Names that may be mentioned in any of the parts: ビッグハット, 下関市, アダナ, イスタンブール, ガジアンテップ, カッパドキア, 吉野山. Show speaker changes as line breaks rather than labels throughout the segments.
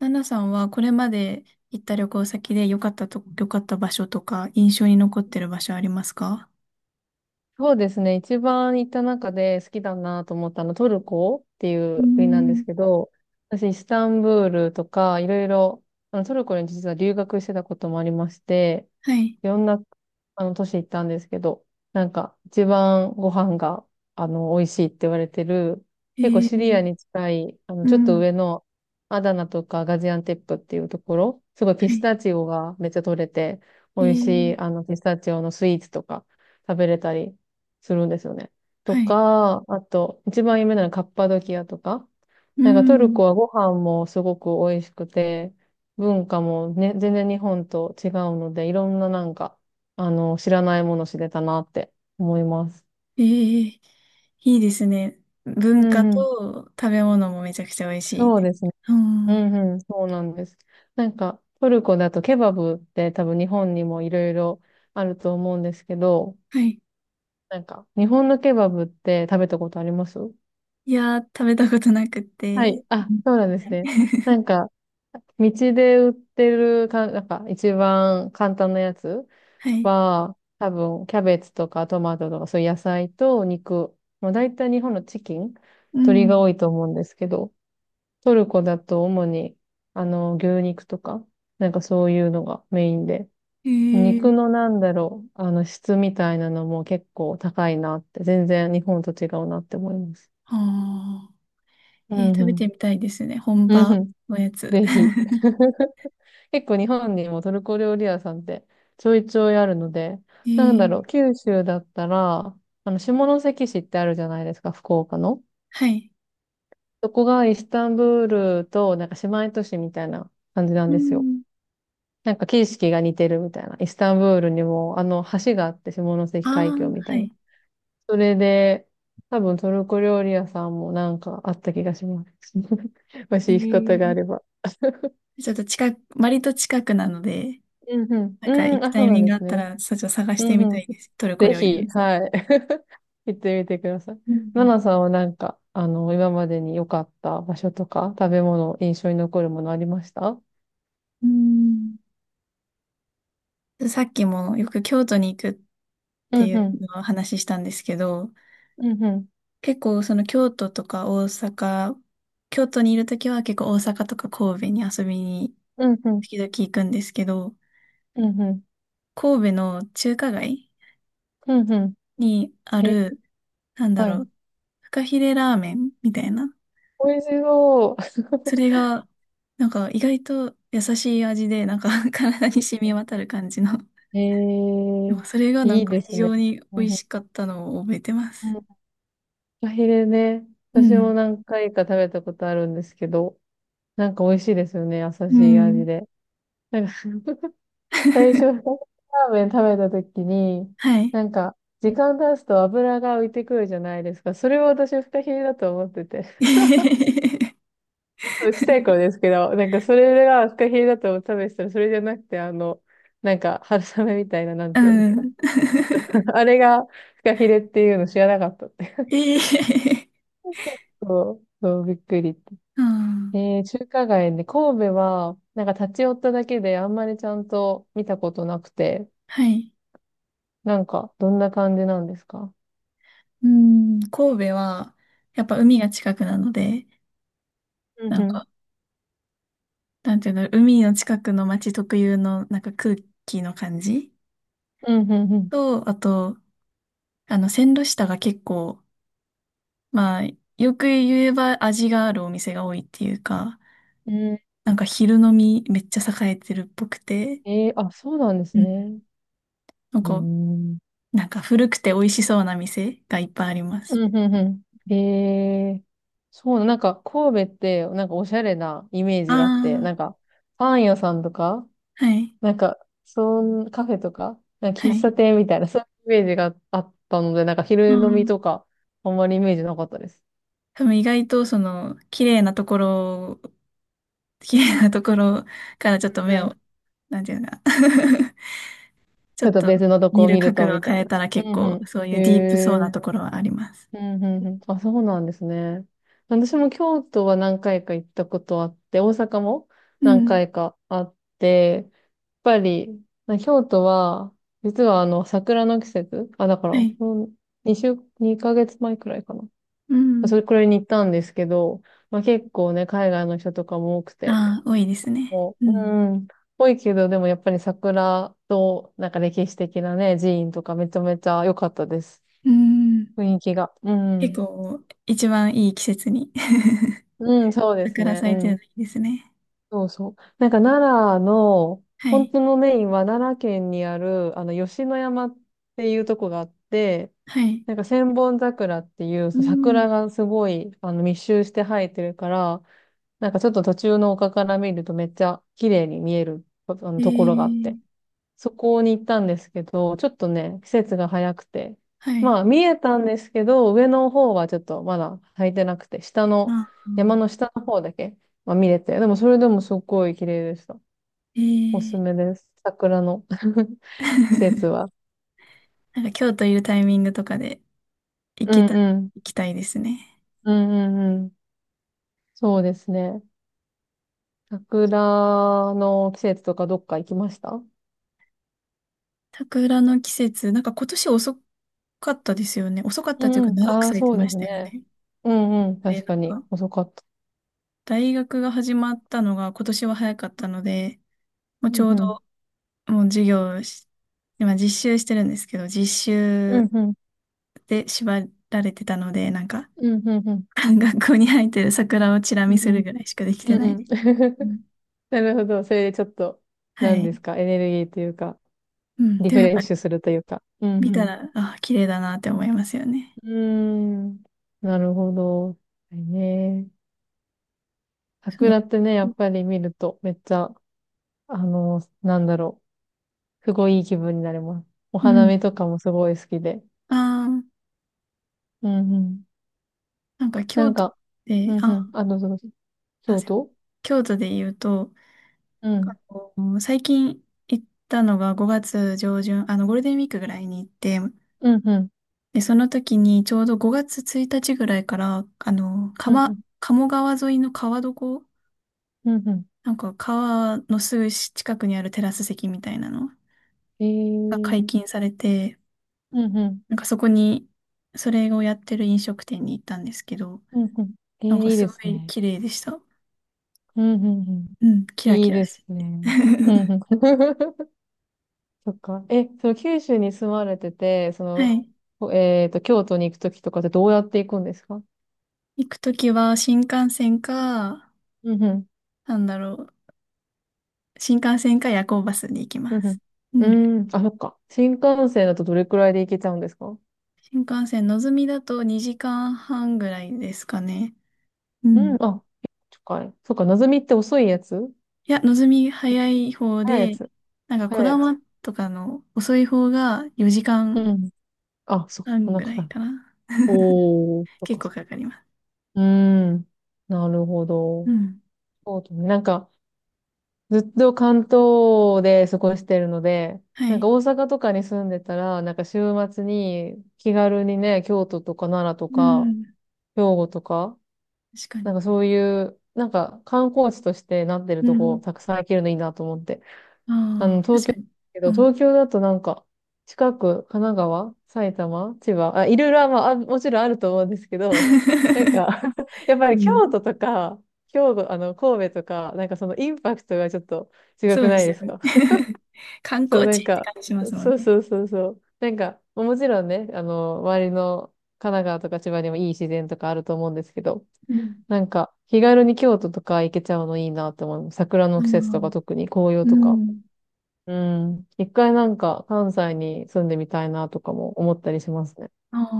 ナナさんはこれまで行った旅行先で良かった場所とか印象に残ってる場所ありますか？
そうですね。一番行った中で好きだなと思ったのトルコってい
うー
う国なんで
ん、
すけど、私イスタンブールとかいろいろ、トルコに実は留学してたこともありまして、
はい。
いろんな都市行ったんですけど、なんか一番ご飯が美味しいって言われてる、
え
結構シリア
ー、
に近い、
う
ちょっ
ん。
と
は
上のアダナとかガジアンテップっていうところ、すごいピス
い。
タチオがめっちゃ取れて、
え
美味し
ー、
いピスタチオのスイーツとか食べれたり、するんですよね。と
はい。
か、あと、一番有名なのはカッパドキアとか。
う
なんかトル
ん。
コはご飯もすごく美味しくて、文化もね、全然日本と違うので、いろんななんか、知らないもの知れたなって思います。
えー、いいですね。
う
文
ん
化
うん。
と食べ物もめちゃくちゃ美味しい。
そうですね。
う
う
ん。
んうん。そうなんです。なんか、トルコだとケバブって多分日本にもいろいろあると思うんですけど、
はい。
なんか、日本のケバブって食べたことあります？
いやー、食べたことなくっ
は
て。
い。あ、
うん。
そうなんですね。な んか、道で売ってるか、なんか一番簡単なやつ
はい。
は、多分、キャベツとかトマトとか、そういう野菜と肉。まあ、大体日本のチキン、
う
鶏
ん。
が多いと思うんですけど、トルコだと主に、牛肉とか、なんかそういうのがメインで。
え
肉
ー、
のなんだろう、質みたいなのも結構高いなって、全然日本と違うなって思います。
はあ。
う
えー、
ん
食
う
べて
ん。
みたいですね、本
うん
場
うん。
のやつ。
ぜひ。結構日本にもトルコ料理屋さんってちょいちょいあるので、
え
なんだ
ー、
ろう、九州だったら、下関市ってあるじゃないですか、福岡の。
はい。
そこがイスタンブールとなんか姉妹都市みたいな感じなん
う
ですよ。
ん。
なんか景色が似てるみたいな。イスタンブールにも橋があって下関
あ
海峡
あ、
みた
は
いな。
い。
それで、多分トルコ料理屋さんもなんかあった気がします。もし
え
行くことがあ
ー、
れば。
ちょっと割と近くなので、
うんうん。
なんか
う
行
ん、
く
あ、
タ
そ
イ
うな
ミ
ん
ング
で
があ
す
った
ね。
ら、そっちを探し
う
て
ん
み
う
た
ん。
いです。トルコ
ぜ
料理なん
ひ、
です。
はい。行ってみてください。
う
ナ
ん。
ナさんはなんか、今までに良かった場所とか、食べ物、印象に残るものありました？
うん。さっきもよく京都に行くっ
う
てい
んう
う
ん。
のをお話ししたんですけど、
うんうん。
結構その京都とか大阪、京都にいるときは結構大阪とか神戸に遊びに
うんうん。
時々行くんですけど、
うんうん。
神戸の中華街
うんうん。
にあ
え、
るなんだ
は
ろ
い。
う、フカヒレラーメンみたいな。
美味しそう。
それが、なんか意外と優しい味で、なんか 体に 染み渡る感じの。
え
で
ー、
もそれがな
い
ん
い
か
で
非
すね。
常に
う
美
ん
味
うん。
しかったのを覚えてま
うん
す。
フカヒレね。
う
私も
ん。
何回か食べたことあるんですけど、なんか美味しいですよね。優
う
しい味
ん。
で。なんか 最初、二つ ラーメン食べたときに、
はい。
なんか、時間経つと油が浮いてくるじゃないですか。それを私、フカヒレだと思ってて。ちっちゃい頃ですけど、なんか、それがフカヒレだと思って食べてたら、それじゃなくて、なんか、春雨みたいな、なん
う
ていうんですか。
ん。
あれがフカヒレっていうの知らなかったって。
ええ。
そう、そう、びっくりって。
うん。
えー、中華街で、神戸は、なんか立ち寄っただけであんまりちゃんと見たことなくて、
はい。
なんか、どんな感じなんですか？
うん。神戸は、やっぱ海が近くなので、
う
なん
ん
か、なんていうの、海の近くの街特有の、なんか空気の感じ
うん、うん、うん。
と、あと、あの、線路下が結構、まあ、よく言えば味があるお店が多いっていうか、
う
なんか昼飲みめっちゃ栄えてるっぽくて、
ん、えー、あ、そうなんで
う
す
ん。
ね。
なん
う
か、
ん。
なんか古くて美味しそうな店がいっぱいあります。
うん、うん、うん。えー、そうな、なんか神戸って、なんかおしゃれなイメージがあって、な
あ
ん
あ、
かパン屋さんとか、
はい。
なんか、そん、カフェとか、なんか
は
喫茶
い。
店みたいな、そういうイメージがあったので、なんか
う
昼飲み
ん。
とか、あんまりイメージなかったです。
多分意外とその、綺麗なところ、綺麗なところからちょっと目
う
を、
ん。
なんていうのかな、 ち
ち
ょ
ょ
っ
っと
と
別のとこ
見
を
る
見る
角
と、
度を
みたい
変え
な。
たら結
うん、
構
う
そう
ん。
い
へ
うディープそうな
え
ところはあります。
うん、うん、うん。あ、そうなんですね。私も京都は何回か行ったことあって、大阪も
う
何
ん。
回かあって、やっぱり、ま京都は、実は桜の季節、あ、だか
は
ら、
い。
2週、二ヶ月前くらいか
う
な。そ
ん。
れくらいに行ったんですけど、まあ結構ね、海外の人とかも多くて、
ああ、多いですね。
も
う
う、う
ん。
ん、多いけど、でもやっぱり桜と、なんか歴史的なね、寺院とかめちゃめちゃ良かったです。
うん。
雰囲気が。う
結
ん。
構、一番いい季節に
うん、そうです
桜
ね。
咲
う
いてる
ん。
のいいですね。
そうそう。なんか奈良の、
は
本
い。
当のメインは奈良県にある、吉野山っていうとこがあって、
はい。
なんか千本桜っていう
うん。
桜がすごい、密集して生えてるから、なんかちょっと途中の丘から見るとめっちゃ綺麗に見える、
え
ところがあっ
ー、
て。そこに行ったんですけど、ちょっとね、季節が早くて。
は
ま
い。
あ、見えたんですけど、上の方はちょっとまだ履いてなくて、下
あ
の、
あ、
山の下の方だけ、まあ、見れて。でも、それでもすっごい綺麗でした。
え
おすす
ー、
めです。桜の 季節 は。
なんか京都いるタイミングとかで行
う
け
ん
たら
うん。
行きたいですね。
うんうんうん。そうですね。桜の季節とかどっか行きました？
桜の季節、なんか今年遅かったですよね。遅かっ
う
たという
ん
か
うん。
長く
ああ、
咲い
そ
て
う
ま
です
したよ
ね。
ね。
うんうん。
で、
確
なん
かに。
か
遅かった。
大学が始まったのが今年は早かったので、もう
う
ち
ん
ょう
うん。
どもう授業をし、今実習してるんですけど、実
うん
習
うん。
で縛られてたので、なんか、
うんうんうん。
学校に生えてる桜をチラ
う
見
ん
す
う
る
ん
ぐらいしかできて
うん
な
う
いで
ん。
す。う ん。
なるほど。それでちょっと、
は
何で
い。
すか、エネルギーというか、
うん。
リ
で
フ
もやっ
レッ
ぱ
シュするというか。う
見た
ん
ら、あ、綺麗だなって思いますよね。
うん。うーん。なるほど。はいね。
その、
桜ってね、やっぱり見ると、めっちゃ、なんだろう。すごいいい気分になります。お
う
花
ん。
見とかもすごい好きで。
ああ、
うんうん。
なんか
な
京
ん
都
か、う
で、
んう
あ、
ん。あ、どうぞどうぞ。
あ、
京
すいません。
都
京都で言うと、
う
あ
ん。
の最近行ったのが5月上旬、あの、ゴールデンウィークぐらいに行って、
うんうん。
で、その時にちょうど5月1日ぐらいから、あの、
うんうん。
鴨川沿いの川床、
うんう
なんか川のすぐ近くにあるテラス席みたいなの
ん。え
が解禁
ー。
されて、
うんうん。
なんかそこに、それをやってる飲食店に行ったんですけど、
うんうん。えー、
なんか
いい
す
で
ご
す
い
ね。
綺麗でした。
うんうんう
うん、キ
ん。
ラ
い
キ
い
ラ
で
し
す
てて。
ね。うんう ん。そっか。え、その九州に住まれてて、そ
は
の、
い。
ほえっと、京都に行くときとかってどうやって行くんですか？
行く時は新幹線か、
うんうん。
なんだろう、新幹線か夜行バスで行きま
うんう
す。うん。
ん。うーん。あ、そっか。新幹線だとどれくらいで行けちゃうんですか？
新幹線、のぞみだと2時間半ぐらいですかね。う
うん。
ん。
あ、近い。そっか。なずみって遅いやつ？
いや、のぞみ早い方
早いや
で、
つ。
なんか、こ
早い
だ
やつ。
まとかの遅い方が4時
うん。あ、そっか。
間
そん
半
な
ぐ
か
ら
か
い
る。
かな。
おー。そっ
結
か。
構
そっか
かかります。
うーん。なるほ
う
ど。
ん。
そうだね。なんか、ずっと関東で過ごしてるので、
は
なんか
い。
大阪とかに住んでたら、なんか週末に気軽にね、京都とか奈良と
う
か、
ん。
兵庫とか、
確か
なん
に。
かそういう、なんか観光地としてなってる
う
とこ
ん。
たくさん行けるのいいなと思って。
ああ、
東
確
京だ
かに。
け
う
ど、
ん。
東京だとなんか、近く、神奈川、埼玉、千葉、あ、いろいろは、まあ、あもちろんあると思うんですけど、なん か やっぱ
う
り京
ん。
都と か、兵庫、神戸とか、なんかそのインパクトがちょっと違
そ
く
うで
ない
す
で
よ
す
ね。
か？
観
そう、
光
な
地
ん
って
か、
感じしますもん
そう
ね。
そうそうそう。なんか、もちろんね、周りの神奈川とか千葉にもいい自然とかあると思うんですけど、
うん。
なんか、気軽に京都とか行けちゃうのいいなって思う。桜の
う
季節とか
ん。
特に紅葉
う
とか。
ん。
うん。一回なんか関西に住んでみたいなとかも思ったりしますね。
ああ。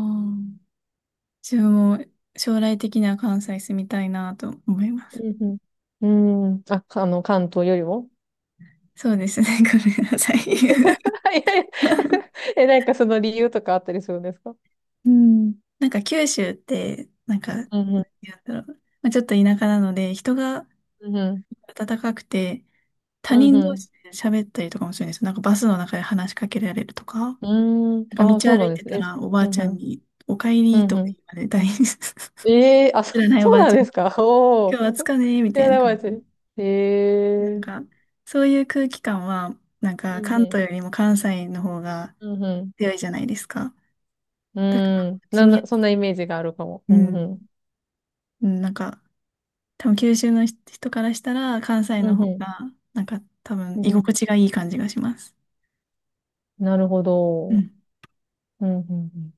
自分も将来的には関西住みたいなと思います。
うんうん。うん。あ、かあの、関東よりも
そうですね。ごめんなさい。
いやいや え、なんかその理由とかあったりするんですか？
うん。なんか九州って、なん
うんうん。
だろう。まあ、ちょっと田舎なので、人が
うんうん。
温かくて、他
うん
人
う
同
ん
士で喋ったりとかもするんですよ。なんかバスの中で話しかけられるとか、な
うーん。
んか道
ああ、そう
歩
なん
い
で
て
す
た
ね。え
らおば
う
あ
ん
ち
う
ゃん
ん。
に、お帰
う
り
ん
とか
うん。
言われたり、知
ええあ、そ、
ら ないお
そ
ば
う
あ
な
ち
ん
ゃん
で
に、
すか。お
今日
お。
は暑 かねみ
知
た
ら
いな
な
感
かったです。
じ。
え
なん
え
か、そういう空気感は、なんか、
うん
関
う
東
ん。
よりも関西の方が
うんう
強いじゃないですか。だから、
ん。うーん。
地
なん
味や
な、そ
す、
んなイメージがあるかも。う
う
ん
ん。
うん。
うん。なんか、多分九州の人からしたら、関西の
うん
方
うん。
が、なんか、多分、
うん
居
うん。
心地がいい感じがします。
なるほ
う
ど。
ん
うんうんうん。